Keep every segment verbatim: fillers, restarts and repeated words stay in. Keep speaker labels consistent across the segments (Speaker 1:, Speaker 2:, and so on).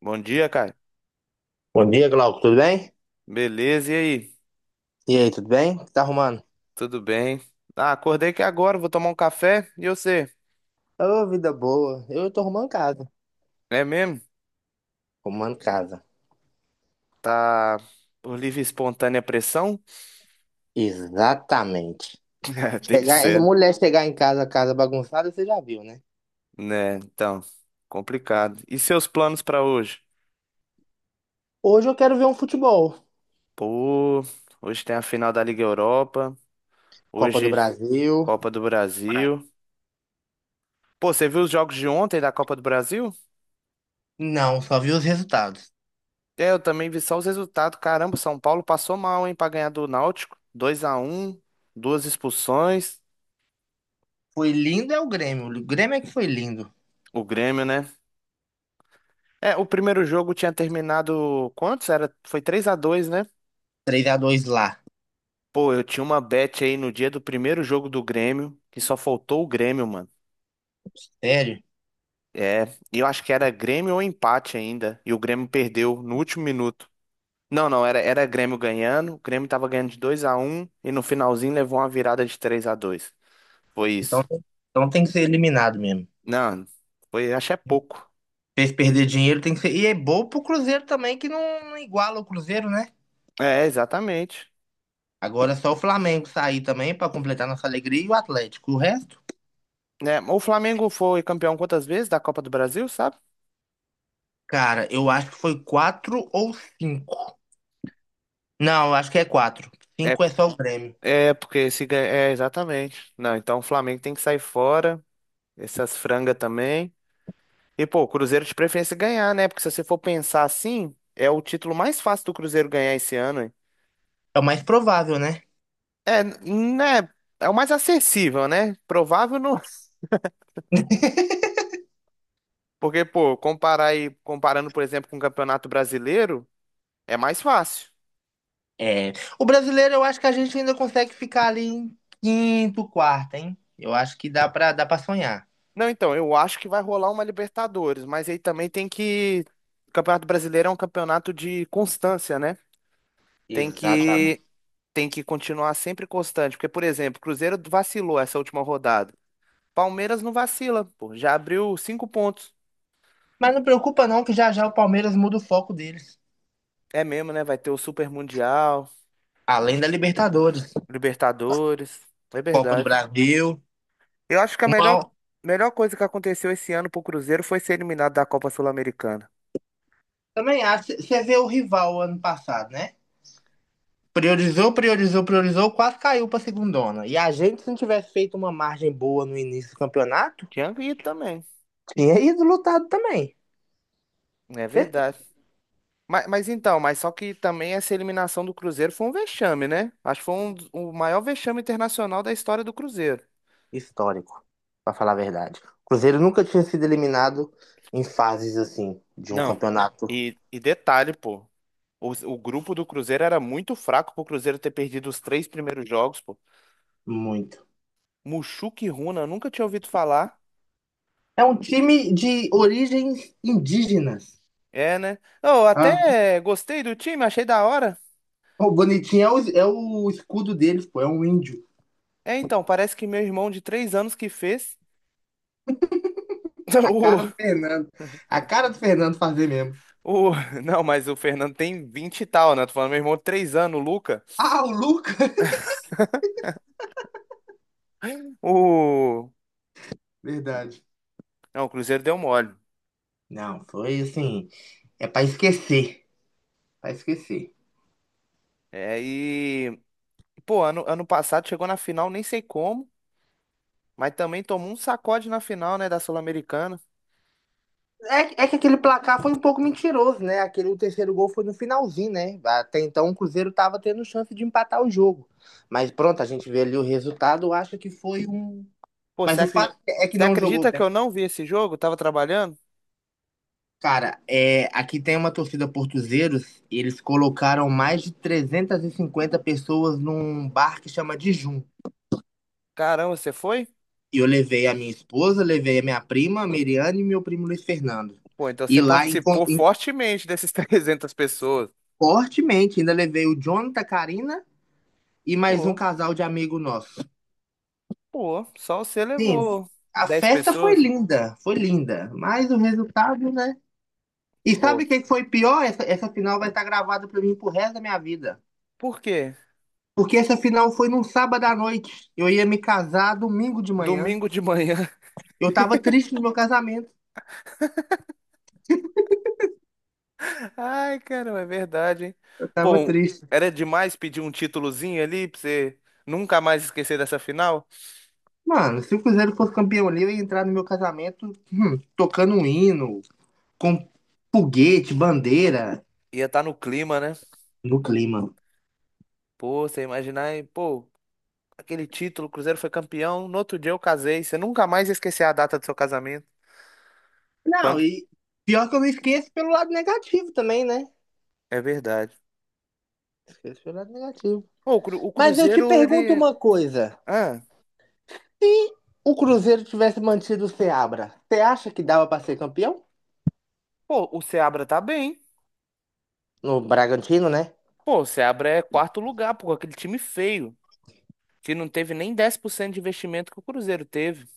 Speaker 1: Bom dia, Caio.
Speaker 2: Bom dia, Glauco, tudo bem?
Speaker 1: Beleza, e aí?
Speaker 2: E aí, tudo bem? O que tá arrumando?
Speaker 1: Tudo bem? Ah, acordei aqui agora, vou tomar um café. E você?
Speaker 2: Ô, vida boa. Eu tô arrumando casa.
Speaker 1: É mesmo?
Speaker 2: Arrumando casa.
Speaker 1: Tá por livre e espontânea pressão?
Speaker 2: Exatamente.
Speaker 1: É, tem que
Speaker 2: Chegar, essa
Speaker 1: ser,
Speaker 2: mulher chegar em casa, casa bagunçada, você já viu, né?
Speaker 1: né? Então, complicado. E seus planos pra hoje?
Speaker 2: Hoje eu quero ver um futebol.
Speaker 1: Pô, hoje tem a final da Liga Europa,
Speaker 2: Copa do
Speaker 1: hoje
Speaker 2: Brasil.
Speaker 1: Copa do Brasil. Pô, você viu os jogos de ontem da Copa do Brasil?
Speaker 2: Não, só vi os resultados.
Speaker 1: É, eu também vi só os resultados. Caramba, São Paulo passou mal, hein, pra ganhar do Náutico. Dois a um. Duas expulsões.
Speaker 2: Foi lindo é o Grêmio. O Grêmio é que foi lindo.
Speaker 1: O Grêmio, né? É, o primeiro jogo tinha terminado quantos? Era, foi três a dois, né?
Speaker 2: Três a dois lá.
Speaker 1: Pô, eu tinha uma bet aí no dia do primeiro jogo do Grêmio, que só faltou o Grêmio, mano.
Speaker 2: Sério?
Speaker 1: É, e eu acho que era Grêmio ou empate ainda, e o Grêmio perdeu no último minuto. Não, não, era, era Grêmio ganhando, o Grêmio tava ganhando de dois a um e no finalzinho levou uma virada de três a dois. Foi
Speaker 2: Então,
Speaker 1: isso.
Speaker 2: então tem que ser eliminado mesmo.
Speaker 1: Não, foi, acho que é pouco.
Speaker 2: Fez perder dinheiro, tem que ser. E é bom pro Cruzeiro também, que não, não iguala o Cruzeiro, né?
Speaker 1: É, exatamente.
Speaker 2: Agora é só o Flamengo sair também pra completar nossa alegria e o Atlético. O resto,
Speaker 1: É, o Flamengo foi campeão quantas vezes da Copa do Brasil, sabe?
Speaker 2: cara, eu acho que foi quatro ou cinco. Não, eu acho que é quatro.
Speaker 1: É,
Speaker 2: Cinco é só o Grêmio.
Speaker 1: É, porque se ganha. É, exatamente. Não, então o Flamengo tem que sair fora, essas frangas também. E, pô, o Cruzeiro de preferência ganhar, né? Porque se você for pensar assim, é o título mais fácil do Cruzeiro ganhar esse ano, hein?
Speaker 2: É o mais provável, né?
Speaker 1: É, né? É o mais acessível, né? Provável não. Porque, pô, comparar aí, comparando, por exemplo, com o Campeonato Brasileiro, é mais fácil.
Speaker 2: É. O brasileiro, eu acho que a gente ainda consegue ficar ali em quinto, quarto, hein? Eu acho que dá pra, dá pra sonhar.
Speaker 1: Não, então, eu acho que vai rolar uma Libertadores, mas aí também tem que. O Campeonato Brasileiro é um campeonato de constância, né? Tem
Speaker 2: Exatamente.
Speaker 1: que tem que continuar sempre constante, porque, por exemplo, o Cruzeiro vacilou essa última rodada. Palmeiras não vacila, pô, já abriu cinco pontos.
Speaker 2: Mas não preocupa não, que já já o Palmeiras muda o foco deles.
Speaker 1: É mesmo, né? Vai ter o Super Mundial,
Speaker 2: Além da Libertadores,
Speaker 1: Libertadores. É
Speaker 2: Copa do
Speaker 1: verdade.
Speaker 2: Brasil.
Speaker 1: Eu acho que a melhor,
Speaker 2: Uma...
Speaker 1: melhor coisa que aconteceu esse ano pro Cruzeiro foi ser eliminado da Copa Sul-Americana.
Speaker 2: Também acho. Você vê o rival ano passado, né? Priorizou, priorizou, priorizou, quase caiu pra segundona. E a gente, se não tivesse feito uma margem boa no início do campeonato,
Speaker 1: Tinha ido também.
Speaker 2: tinha ido lutado também.
Speaker 1: É verdade.
Speaker 2: Certeza.
Speaker 1: Mas, mas então, mas só que também essa eliminação do Cruzeiro foi um vexame, né? Acho que foi um, dos- o maior vexame internacional da história do Cruzeiro.
Speaker 2: Histórico, pra falar a verdade. O Cruzeiro nunca tinha sido eliminado em fases assim, de um
Speaker 1: Não.
Speaker 2: campeonato
Speaker 1: E, e detalhe, pô. O, o grupo do Cruzeiro era muito fraco pro Cruzeiro ter perdido os três primeiros jogos, pô.
Speaker 2: muito.
Speaker 1: Muxuque e Runa, eu nunca tinha ouvido falar.
Speaker 2: É um time de origens indígenas.
Speaker 1: É, né? Eu
Speaker 2: Ah,
Speaker 1: até gostei do time, achei da hora.
Speaker 2: o bonitinho é o, é o escudo deles, pô, é um índio.
Speaker 1: É, então, parece que meu irmão de três anos que fez.
Speaker 2: A cara do Fernando. A cara do Fernando fazer mesmo.
Speaker 1: O, o, não, mas o Fernando tem vinte e tal, né? Tô falando meu irmão de três anos, o Luca.
Speaker 2: Ah, o Lucas!
Speaker 1: O,
Speaker 2: Verdade.
Speaker 1: Não, o Cruzeiro deu mole.
Speaker 2: Não, foi assim. É pra esquecer. Pra esquecer.
Speaker 1: É, e, pô, ano, ano passado chegou na final, nem sei como, mas também tomou um sacode na final, né, da Sul-Americana.
Speaker 2: É, é que aquele placar foi um pouco mentiroso, né? Aquele, o terceiro gol foi no finalzinho, né? Até então o Cruzeiro tava tendo chance de empatar o jogo. Mas pronto, a gente vê ali o resultado, acha que foi um.
Speaker 1: Pô, você
Speaker 2: Mas o
Speaker 1: acre-
Speaker 2: fato é que
Speaker 1: você
Speaker 2: não jogou
Speaker 1: acredita que
Speaker 2: bem.
Speaker 1: eu não vi esse jogo? Eu tava trabalhando?
Speaker 2: Cara, é, aqui tem uma torcida portuzeiros, e eles colocaram mais de trezentas e cinquenta pessoas num bar que chama Dijum.
Speaker 1: Caramba, você foi?
Speaker 2: E eu levei a minha esposa, levei a minha prima, a Miriane e meu primo Luiz Fernando.
Speaker 1: Pô, então você
Speaker 2: E lá encon-
Speaker 1: participou fortemente dessas trezentas pessoas.
Speaker 2: Fortemente, ainda levei o Jonathan, Karina e mais um
Speaker 1: Pô,
Speaker 2: casal de amigo nosso.
Speaker 1: pô, só você
Speaker 2: Sim,
Speaker 1: levou
Speaker 2: a
Speaker 1: dez
Speaker 2: festa foi
Speaker 1: pessoas?
Speaker 2: linda, foi linda, mas o resultado, né? E
Speaker 1: Pô,
Speaker 2: sabe o que foi pior? Essa, essa final vai estar gravada para mim pro resto da minha vida.
Speaker 1: por quê?
Speaker 2: Porque essa final foi num sábado à noite. Eu ia me casar domingo de manhã.
Speaker 1: Domingo de manhã.
Speaker 2: Eu tava triste no meu casamento.
Speaker 1: Ai, caramba, é verdade, hein?
Speaker 2: Eu tava
Speaker 1: Pô,
Speaker 2: triste.
Speaker 1: era demais pedir um títulozinho ali pra você nunca mais esquecer dessa final?
Speaker 2: Mano, se o Cruzeiro fosse campeão ali, eu ia entrar no meu casamento tocando um hino, com foguete, bandeira,
Speaker 1: Ia estar no clima, né?
Speaker 2: no clima.
Speaker 1: Pô, você imaginar, e, pô, aquele título, o Cruzeiro foi campeão, no outro dia eu casei, você nunca mais ia esquecer a data do seu casamento.
Speaker 2: Não,
Speaker 1: Quando...
Speaker 2: e pior que eu me esqueço pelo lado negativo também, né?
Speaker 1: É verdade.
Speaker 2: Esqueço pelo lado negativo.
Speaker 1: Pô, o Cru- o
Speaker 2: Mas eu te
Speaker 1: Cruzeiro,
Speaker 2: pergunto
Speaker 1: ele...
Speaker 2: uma coisa.
Speaker 1: Ah,
Speaker 2: Se o Cruzeiro tivesse mantido o Seabra, você acha que dava pra ser campeão?
Speaker 1: pô, o Seabra tá bem.
Speaker 2: No Bragantino, né?
Speaker 1: Pô, o Seabra é quarto lugar, pô, aquele time feio, que não teve nem dez por cento de investimento que o Cruzeiro teve.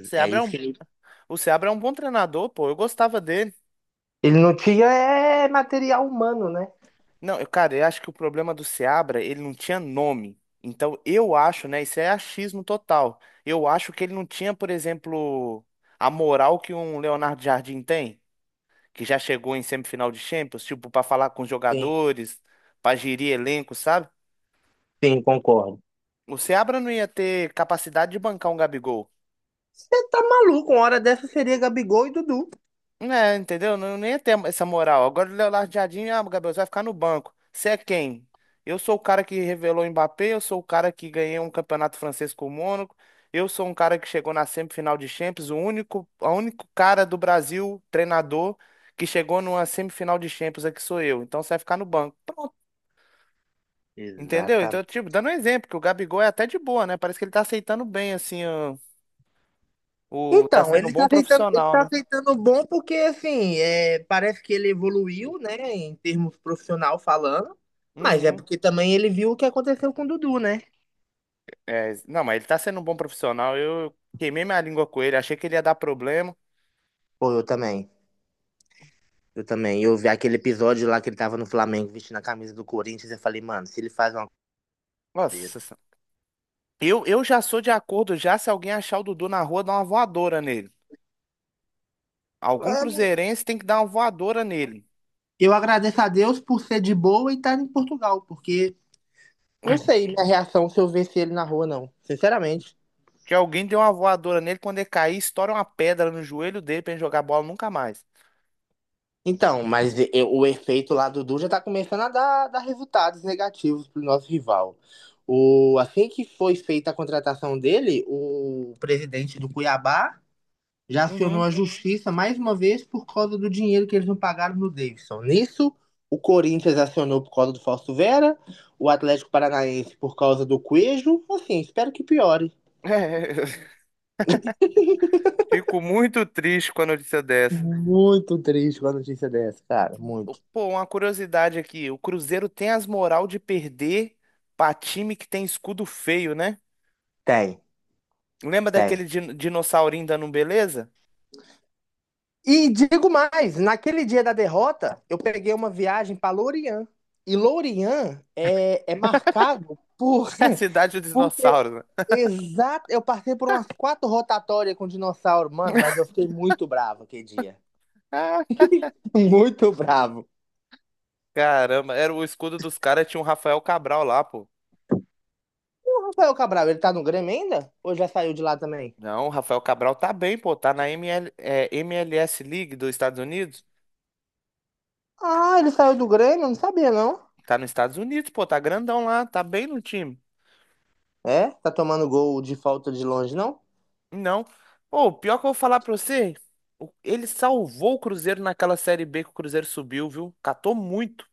Speaker 1: O
Speaker 2: É
Speaker 1: Seabra é
Speaker 2: isso
Speaker 1: um
Speaker 2: que ele...
Speaker 1: O Seabra é um bom treinador, pô. Eu gostava dele.
Speaker 2: Ele não tinha é, material humano, né?
Speaker 1: Não, eu, cara, eu acho que o problema do Seabra, ele não tinha nome. Então, eu acho, né? Isso é achismo total. Eu acho que ele não tinha, por exemplo, a moral que um Leonardo Jardim tem, que já chegou em semifinal de Champions, tipo, pra falar com os
Speaker 2: Sim,
Speaker 1: jogadores, pra gerir elenco, sabe?
Speaker 2: sim, concordo.
Speaker 1: O Seabra não ia ter capacidade de bancar um Gabigol.
Speaker 2: Você tá maluco, uma hora dessa seria Gabigol e Dudu.
Speaker 1: É, entendeu? Não, nem ia ter essa moral. Agora o Leonardo Jardim, ah, Gabriel, você vai ficar no banco. Você é quem? Eu sou o cara que revelou o Mbappé, eu sou o cara que ganhei um campeonato francês com o Mônaco, eu sou um cara que chegou na semifinal de Champions, o único, o único cara do Brasil, treinador, que chegou numa semifinal de Champions aqui sou eu. Então você vai ficar no banco. Pronto. Entendeu? Então,
Speaker 2: Exatamente.
Speaker 1: tipo, dando um exemplo, que o Gabigol é até de boa, né? Parece que ele tá aceitando bem, assim, o, o- tá
Speaker 2: Então,
Speaker 1: sendo um
Speaker 2: ele tá
Speaker 1: bom
Speaker 2: aceitando, ele
Speaker 1: profissional,
Speaker 2: tá
Speaker 1: né?
Speaker 2: aceitando bom porque, assim, é, parece que ele evoluiu, né, em termos profissional falando, mas é
Speaker 1: Uhum.
Speaker 2: porque também ele viu o que aconteceu com o Dudu, né?
Speaker 1: É, não, mas ele tá sendo um bom profissional. Eu queimei minha língua com ele, achei que ele ia dar problema.
Speaker 2: Pô, eu também. Eu também. Eu vi aquele episódio lá que ele tava no Flamengo vestindo a camisa do Corinthians e eu falei, mano, se ele faz uma coisa.
Speaker 1: Nossa, sen- eu, eu já sou de acordo já se alguém achar o Dudu na rua, dar uma voadora nele. Algum cruzeirense tem que dar uma voadora nele.
Speaker 2: Eu agradeço a Deus por ser de boa e estar em Portugal, porque não sei minha reação se eu visse ele na rua, não. Sinceramente.
Speaker 1: Que alguém deu uma voadora nele, quando ele cair, estoura uma pedra no joelho dele pra ele jogar bola nunca mais.
Speaker 2: Então, mas e- o efeito lá do Du já tá começando a dar, dar resultados negativos pro nosso rival. O, assim que foi feita a contratação dele, o presidente do Cuiabá já acionou
Speaker 1: Uhum.
Speaker 2: a justiça mais uma vez por causa do dinheiro que eles não pagaram no Davidson. Nisso, o Corinthians acionou por causa do Fausto Vera, o Atlético Paranaense por causa do Cuejo. Assim, espero que piore.
Speaker 1: É, fico muito triste com a notícia dessa.
Speaker 2: Muito triste com a notícia dessa, cara. Muito.
Speaker 1: Pô, uma curiosidade aqui, o Cruzeiro tem as moral de perder pra time que tem escudo feio, né?
Speaker 2: Tem,
Speaker 1: Lembra
Speaker 2: tem.
Speaker 1: daquele din- dinossaurinho dando um beleza?
Speaker 2: E digo mais, naquele dia da derrota, eu peguei uma viagem para Lorient. E Lorient é, é marcado por,
Speaker 1: É a cidade dos
Speaker 2: por ter-
Speaker 1: dinossauros, né?
Speaker 2: Exato, eu passei por umas quatro rotatórias com dinossauro, mano, mas eu fiquei muito bravo aquele dia.
Speaker 1: Ah,
Speaker 2: Muito bravo.
Speaker 1: caramba, era o escudo dos caras, tinha um Rafael Cabral lá, pô.
Speaker 2: O Rafael Cabral, ele tá no Grêmio ainda? Ou já saiu de lá também?
Speaker 1: Não, o Rafael Cabral tá bem, pô, tá na M L é, M L S League dos Estados Unidos.
Speaker 2: Ah, ele saiu do Grêmio? Eu não sabia, não.
Speaker 1: Tá nos Estados Unidos, pô, tá grandão lá, tá bem no time.
Speaker 2: É? Tá tomando gol de falta de longe, não?
Speaker 1: Não. Pô, pior que eu vou falar pra você, o- ele salvou o Cruzeiro naquela Série B que o Cruzeiro subiu, viu? Catou muito.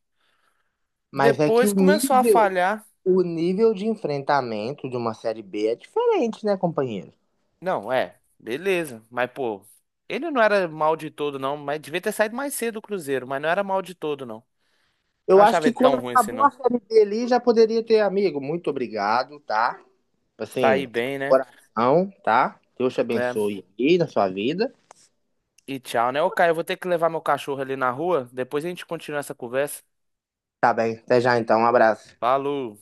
Speaker 2: Mas é que
Speaker 1: Depois
Speaker 2: o
Speaker 1: começou a
Speaker 2: nível,
Speaker 1: falhar.
Speaker 2: o nível de enfrentamento de uma série B é diferente, né, companheiro?
Speaker 1: Não, é, beleza. Mas, pô, ele não era mal de todo, não. Mas devia ter saído mais cedo do Cruzeiro, mas não era mal de todo, não. Não
Speaker 2: Eu acho
Speaker 1: achava
Speaker 2: que
Speaker 1: ele
Speaker 2: quando
Speaker 1: tão ruim assim,
Speaker 2: acabou a
Speaker 1: não.
Speaker 2: série B ali, já poderia ter, amigo, muito obrigado, tá?
Speaker 1: Saí
Speaker 2: Assim,
Speaker 1: bem, né?
Speaker 2: coração, tá? Deus te
Speaker 1: É.
Speaker 2: abençoe aí na sua vida.
Speaker 1: E tchau, né? Ô, Caio, eu vou ter que levar meu cachorro ali na rua. Depois a gente continua essa conversa.
Speaker 2: Tá bem, até já então, um abraço.
Speaker 1: Falou!